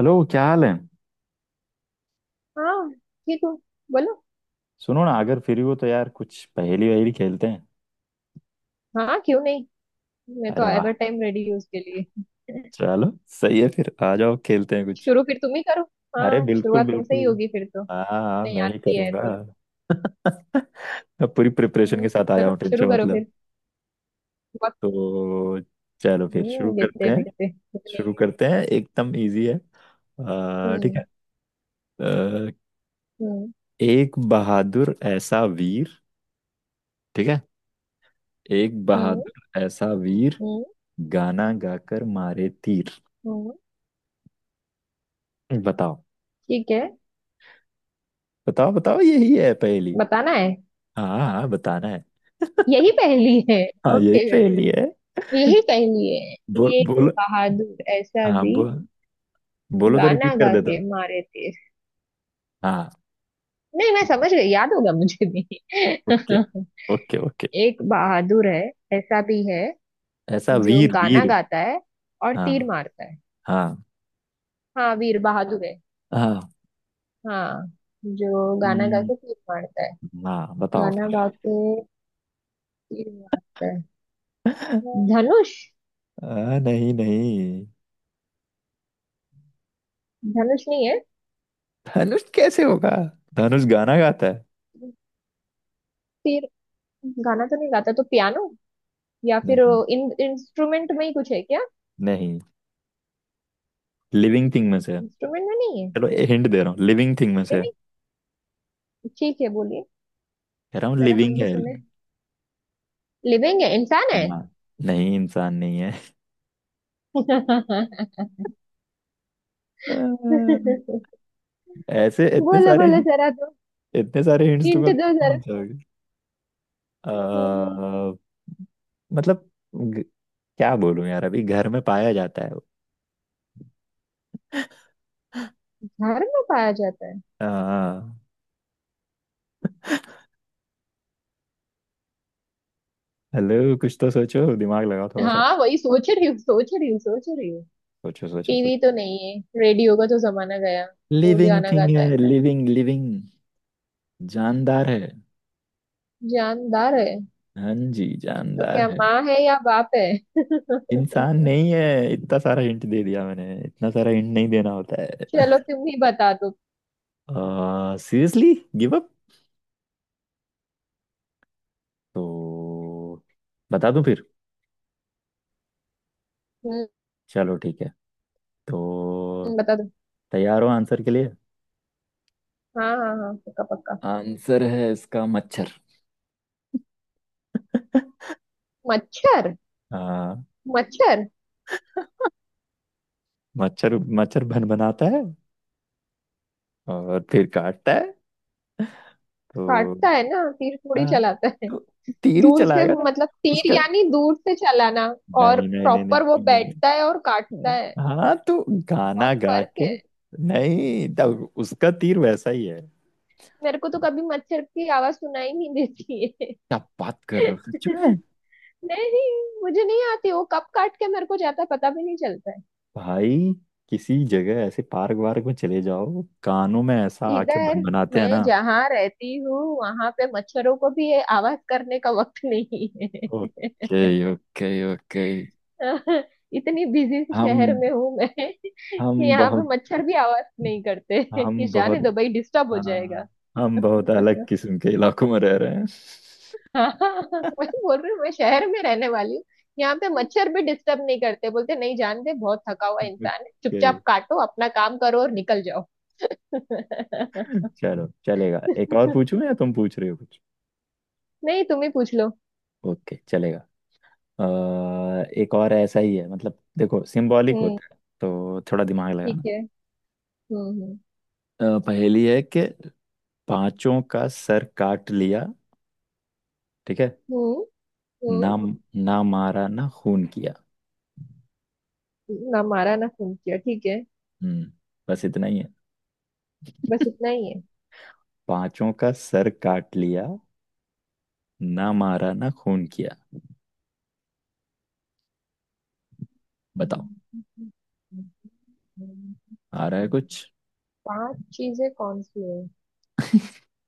Hello, क्या हाल है? हाँ ठीक हो बोलो। सुनो ना, अगर फ्री हो तो यार कुछ पहेली वहेली खेलते हैं। हाँ क्यों नहीं। मैं अरे तो वाह। एवर टाइम रेडी हूँ उसके लिए। चलो, सही है, फिर आ जाओ खेलते हैं कुछ। शुरू फिर तुम ही करो। अरे, हाँ बिल्कुल शुरुआत तुमसे बिल्कुल। ही होगी फिर तो। हाँ हाँ, नहीं मैं ही आती है करूँगा। तो। मैं पूरी प्रिपरेशन हम्म, के साथ आया हूँ, चलो टेंशन शुरू करो मतलब। फिर। बहुत। तो चलो फिर शुरू करते हैं। देखते हैं कितनी। शुरू करते हैं, एकदम इजी है। ठीक है। हम्म। आ, हम्म। एक बहादुर ऐसा वीर, ठीक है, एक हम्म। बहादुर ऐसा वीर, हम्म। गाना गाकर मारे तीर। हम्म, बताओ। ठीक है। बताओ बताओ, यही है पहेली। बताना है। हाँ हाँ, बताना है। यही पहेली है। हाँ, यही ओके। पहेली है। यही पहेली है। बोल एक बोलो। बहादुर ऐसा हाँ भी। बोल, बोलो तो गाना रिपीट कर गा देता के हूँ। मारे थे। हाँ। नहीं मैं समझ गई याद होगा मुझे भी। Okay okay okay. एक बहादुर है ऐसा भी है। ऐसा जो वीर गाना वीर। गाता है और तीर हाँ। मारता है। हाँ। हाँ वीर बहादुर है। हाँ। हाँ। जो गाना गा हम्म। के तीर मारता है। हाँ, बताओ गाना फिर। गा के तीर मारता है। धनुष। नहीं नहीं, धनुष नहीं है। धनुष कैसे होगा? धनुष गाना गाता है? तीर। गाना तो नहीं गाता तो पियानो या फिर। नहीं इन इंस्ट्रूमेंट में ही कुछ है क्या? नहीं, लिविंग थिंग में से है। इंस्ट्रूमेंट में नहीं है। चलो हिंट दे रहा हूँ, लिविंग थिंग में से है। लिविंग ठीक है बोलिए। कह रहा हूँ जरा हम लिविंग भी है। सुने। लिविंग है इंसान है। हाँ। नहीं, इंसान नहीं है। आ, ऐसे बोलो बोलो जरा दो। इतने सारे हिंट्स हिंट दूंगा तो दो जरा। पहुंच जाओगे। अ, हम्म, हम्म। मतलब, ग- क्या बोलूं यार, अभी घर में पाया जाता है वो। घर में पाया जाता है। हेलो, कुछ तो सोचो, दिमाग लगाओ थोड़ा सा। हाँ वही सोच रही हूँ सोच रही हूँ सोच रही हूँ। सोचो सोचो टीवी सोचो। तो नहीं है रेडियो का तो जमाना गया। वो लिविंग गाना थिंग गाता है। है, लिविंग लिविंग। जानदार है। जानदार है। हाँ जी, तो जानदार क्या है। माँ है या बाप है। इंसान नहीं है, इतना सारा हिंट दे दिया मैंने, इतना सारा हिंट नहीं देना होता है। चलो तुम ही बता दो। सीरियसली। Give up. तो बता दूं फिर? हम्म। चलो ठीक है। तो बता दो। तैयार हो आंसर के लिए? हाँ हाँ हाँ पक्का पक्का। आंसर है इसका मच्छर। मच्छर। हाँ, मच्छर। मच्छर। मच्छर भन बनाता है, और फिर काटता है। तो काटता है ना तीर थोड़ी हाँ, चलाता है। तो तीर ही दूर से चलाएगा ना मतलब तीर उसका। यानी दूर से चलाना। और नहीं नहीं नहीं नहीं प्रॉपर वो नहीं, नहीं, बैठता है और काटता नहीं। है। हाँ तो, गाना बहुत गा फर्क के, है। नहीं, तब उसका तीर वैसा ही है। मेरे को तो कभी मच्छर की आवाज सुनाई नहीं देती है। क्या बात कर रहे हो, सच में? नहीं। मुझे नहीं आती वो कब काट के मेरे को जाता है पता भी नहीं चलता है। भाई, किसी जगह ऐसे पार्क वार्क में चले जाओ, कानों में ऐसा आके इधर। बन बनाते हैं ना। मैं जहाँ रहती हूँ वहां पे मच्छरों को भी ये आवाज करने का वक्त नहीं है। Okay okay okay. इतनी बिजी शहर हम में हूँ मैं। कि हम यहाँ पे बहुत मच्छर भी आवाज नहीं करते। कि हम बहुत जाने दो भाई डिस्टर्ब हो हाँ, जाएगा। हम बहुत अलग किस्म के इलाकों में रह रहे हैं। हाँ। वही बोल रही हूँ मैं शहर में रहने वाली हूँ। यहाँ पे मच्छर भी डिस्टर्ब नहीं करते बोलते नहीं जानते बहुत थका हुआ इंसान है ओके। चुपचाप काटो अपना काम करो और निकल जाओ। चलो चलेगा, एक और पूछूं या तुम पूछ रहे हो कुछ? नहीं तुम ही पूछ लो। ओके, चलेगा। एक और ऐसा ही है, मतलब देखो सिंबॉलिक हम्म होता है तो थोड़ा दिमाग ठीक लगाना। है। हम्म। हम्म। पहेली है कि, पांचों का सर काट लिया, ठीक है, हम्म। ना ना मारा ना खून किया। ना मारा ना खून किया ठीक है। हम्म बस इतना ही है। बस इतना ही है। पांचों का सर काट लिया, ना मारा ना खून किया। बताओ, आ रहा है कुछ? पांच चीजें कौन सी है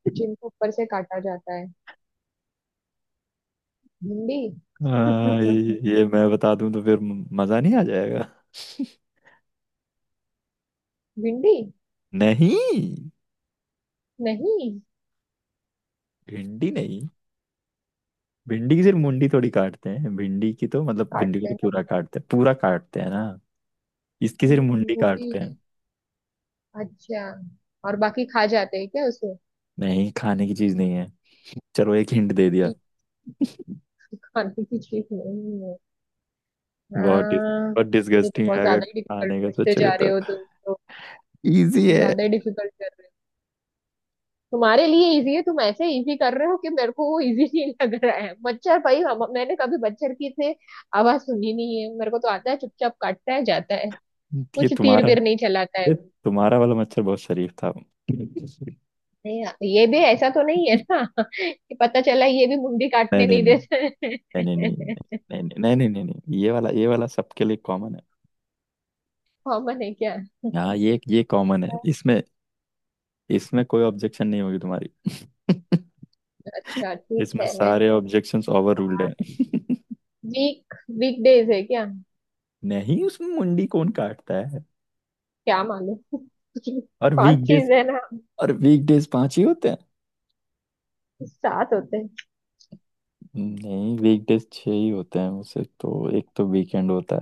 जिनको ऊपर से काटा जाता है? भिंडी। हाँ, ये मैं बता दूं तो फिर मजा नहीं आ जाएगा। भिंडी नहीं, नहीं। भिंडी नहीं। भिंडी की सिर्फ मुंडी थोड़ी काटते हैं, भिंडी की तो मतलब भिंडी को काटते तो हैं ना। पूरा काटते हैं, पूरा काटते हैं ना। इसकी सिर्फ मुंडी मूली। काटते हैं। अच्छा। और बाकी खा जाते हैं क्या उसे? नहीं, खाने की चीज नहीं है। चलो, एक हिंट दे दिया। ठीक। खाने की चीज नहीं है। बहुत डिस, हाँ। बहुत ये तो डिसगस्टिंग है बहुत अगर ज्यादा ही डिफिकल्ट खाने का पूछते सोचोगे जा रहे तो। हो तुम तो। इजी है। ज्यादा ही डिफिकल्ट कर रहे हो। तुम्हारे लिए इजी है तुम ऐसे इजी कर रहे हो कि मेरे को वो इजी नहीं लग रहा है मच्छर भाई हम मैंने कभी मच्छर की से आवाज सुनी नहीं है। मेरे को तो आता है चुपचाप काटता है जाता है। ये कुछ तीर तुम्हारा बीर नहीं चलाता है। ये तुम्हारा वाला मच्छर बहुत शरीफ था। नहीं नहीं। ये भी ऐसा तो नहीं है ना। कि पता चला ये भी मुंडी नहीं काटने नहीं नहीं देता है। नहीं नहीं नहीं नहीं नहीं नहीं नहीं नहीं नहीं, ये वाला, ये वाला सबके लिए कॉमन है। कॉमन है क्या? हाँ, ये कॉमन है इसमें। इसमें कोई ऑब्जेक्शन नहीं होगी तुम्हारी। अच्छा ठीक इसमें है। सारे ऑब्जेक्शंस ओवर रूल्ड है। वीक वीक डेज है क्या? नहीं, उसमें मुंडी कौन काटता है? क्या मालूम। और पांच वीकडेज चीज है ना। और वीकडेज पांच ही होते हैं। सात होते हैं। नहीं, वीकडेज छह ही होते हैं उसे तो, एक तो वीकेंड होता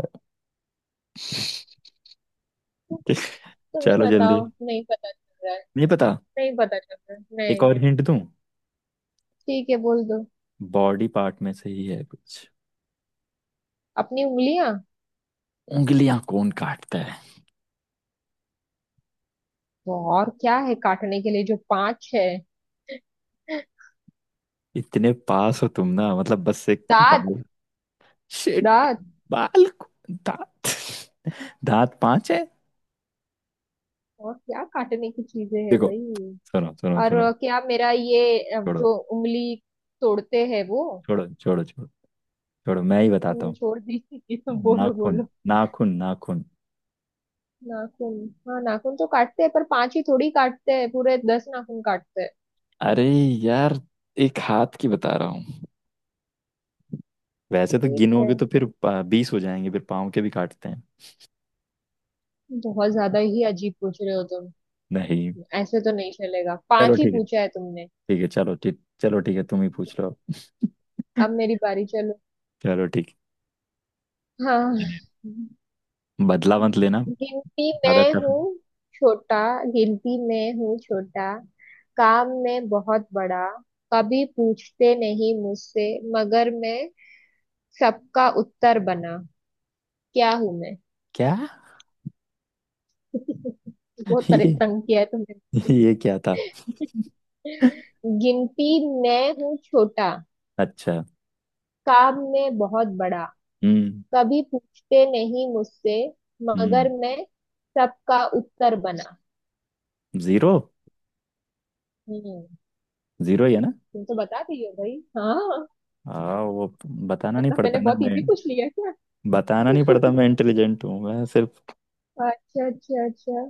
है। तुम्हें चलो जल्दी, बताओ नहीं पता चल रहा है। नहीं पता? नहीं पता चल रहा है एक नहीं। और हिंट दूं? ठीक है बोल दो। बॉडी पार्ट में से ही है कुछ। अपनी उंगलियां। उंगलियां कौन काटता है? तो और क्या है काटने के लिए जो पांच है? इतने पास हो तुम ना, मतलब बस एक दांत। बाल। शिट। दांत। बाल को- दांत? दांत पांच है? और क्या काटने की चीजें है देखो, भाई? सुनो सुनो सुनो। और। क्या मेरा ये छोड़ो जो उंगली तोड़ते हैं वो। छोड़ो छोड़ो। छोड़ो छोड़ो, मैं ही बताता हूँ। छोड़ दी। बोलो नाखून। बोलो। नाखून नाखून। नाखून। हाँ नाखून तो काटते हैं पर पांच ही थोड़ी काटते हैं पूरे दस नाखून काटते हैं। अरे यार, एक हाथ की बता रहा हूँ, वैसे तो ठीक है। गिनोगे तो फिर बीस हो जाएंगे, फिर पाँव के भी काटते हैं। बहुत ज्यादा ही अजीब पूछ रहे हो तुम। नहीं। ऐसे तो नहीं चलेगा चलो पांच ही ठीक है, पूछा है तुमने। ठीक है, चलो ठीक, चलो ठीक है, तुम ही पूछ लो। अब मेरी बारी चलो। चलो ठीक हाँ। है। बदला मत लेना, गिनती ज्यादा में टफ। हूँ छोटा गिनती में हूँ छोटा काम में बहुत बड़ा कभी पूछते नहीं मुझसे मगर मैं सबका उत्तर बना क्या हूं मैं। क्या? बहुत ये? तंग किया है तुमने। ये क्या था? गिनती मैं हूँ छोटा अच्छा। काम में बहुत बड़ा हम्म। कभी पूछते नहीं मुझसे मगर हम्म। मैं सबका उत्तर बना। जीरो। हम्म। जीरो ही है ना। तुम तो बता दिए भाई। हाँ। हाँ वो, बताना नहीं मतलब मैंने पड़ता ना बहुत मैं इजी पूछ लिया क्या? बताना नहीं पड़ता। मैं इंटेलिजेंट हूँ। मैं सिर्फ, अच्छा अच्छा अच्छा।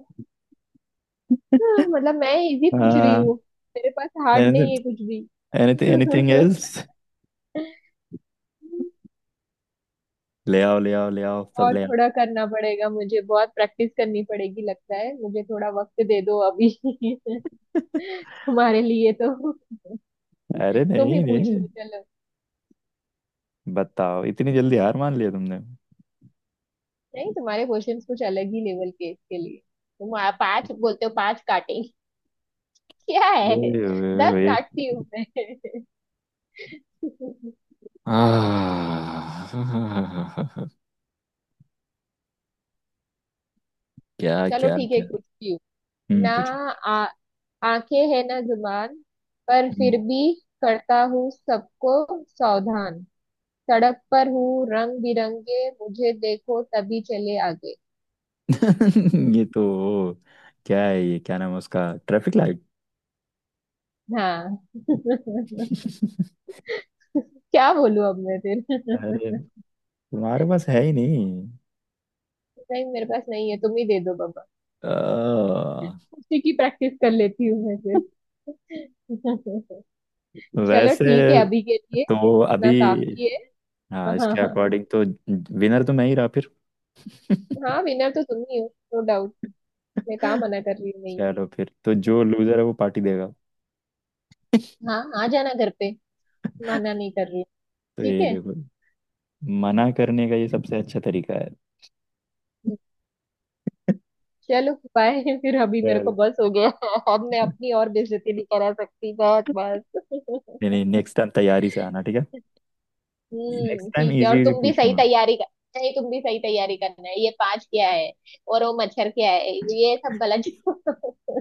हाँ, मतलब मैं इजी पूछ रही हूँ। मेरे पास हार्ड नहीं एनीथिंग है कुछ भी। Anything else? ले आओ ले आओ ले आओ, सब और ले आओ। थोड़ा करना पड़ेगा मुझे बहुत प्रैक्टिस करनी पड़ेगी लगता है मुझे थोड़ा वक्त दे दो अभी। तुम्हारे लिए तो अरे तुम ही नहीं पूछ नहीं, लो चलो। बताओ, इतनी जल्दी हार मान लिया तुमने? नहीं तुम्हारे क्वेश्चंस कुछ अलग ही लेवल के इसके लिए। तुम पांच बोलते हो पांच काटेंगे। क्या है? ओए, ओए, दस ओए। काटती हूँ मैं। आह, क्या चलो क्या ठीक है क्या। पूछती हूँ। हम्म, ना। पूछो। आ, आंखें है ना जुबान पर फिर हम्म। भी करता हूँ सबको सावधान। सड़क पर हूँ रंग बिरंगे मुझे देखो तभी चले आगे। ये तो, क्या है ये क्या नाम है उसका, ट्रैफिक लाइट? हाँ। क्या बोलूं अब मैं अरे, फिर। तुम्हारे पास है ही नहीं। नहीं मेरे पास नहीं है तुम ही दे दो बाबा। अ, उसी की प्रैक्टिस कर लेती हूँ मैं फिर। चलो वैसे ठीक है अभी के लिए तो अभी इतना काफी है। हाँ, हाँ इसके हाँ। अकॉर्डिंग तो विनर तो मैं ही रहा फिर। हाँ। विनर तो तुम ही हो। No doubt. मैं कहाँ मना कर रही हूँ? नहीं चलो फिर तो जो लूजर है वो पार्टी देगा। हाँ आ जाना घर पे। मना नहीं कर रही हूँ। तो ठीक ये है। देखो, मना करने का ये सबसे अच्छा तरीका है। चलो बाय। फिर अभी मेरे को चलो। बस हो गया। अब मैं अपनी और बेइज्जती नहीं करा सकती बहुत नहीं नहीं, बस। नेक्स्ट टाइम तैयारी से आना, ठीक है? नेक्स्ट टाइम ठीक है और इजी इजी तुम भी सही पूछूंगा। तैयारी कर। नहीं तुम भी सही तैयारी करना है ये पांच क्या है और वो मच्छर क्या है ये सब गलत।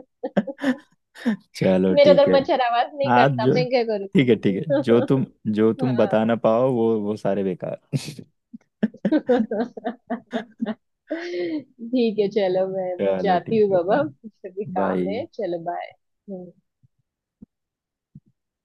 चलो मेरा ठीक उधर है। मच्छर आवाज नहीं आज करता जो मैं क्या करूँ। ठीक है ठीक है, जो तुम हाँ। बता ना पाओ वो सारे बेकार। ठीक है चलो मैं चलो जाती ठीक हूँ है, बाबा बाय मुझे भी बाय। काम है चलो बाय।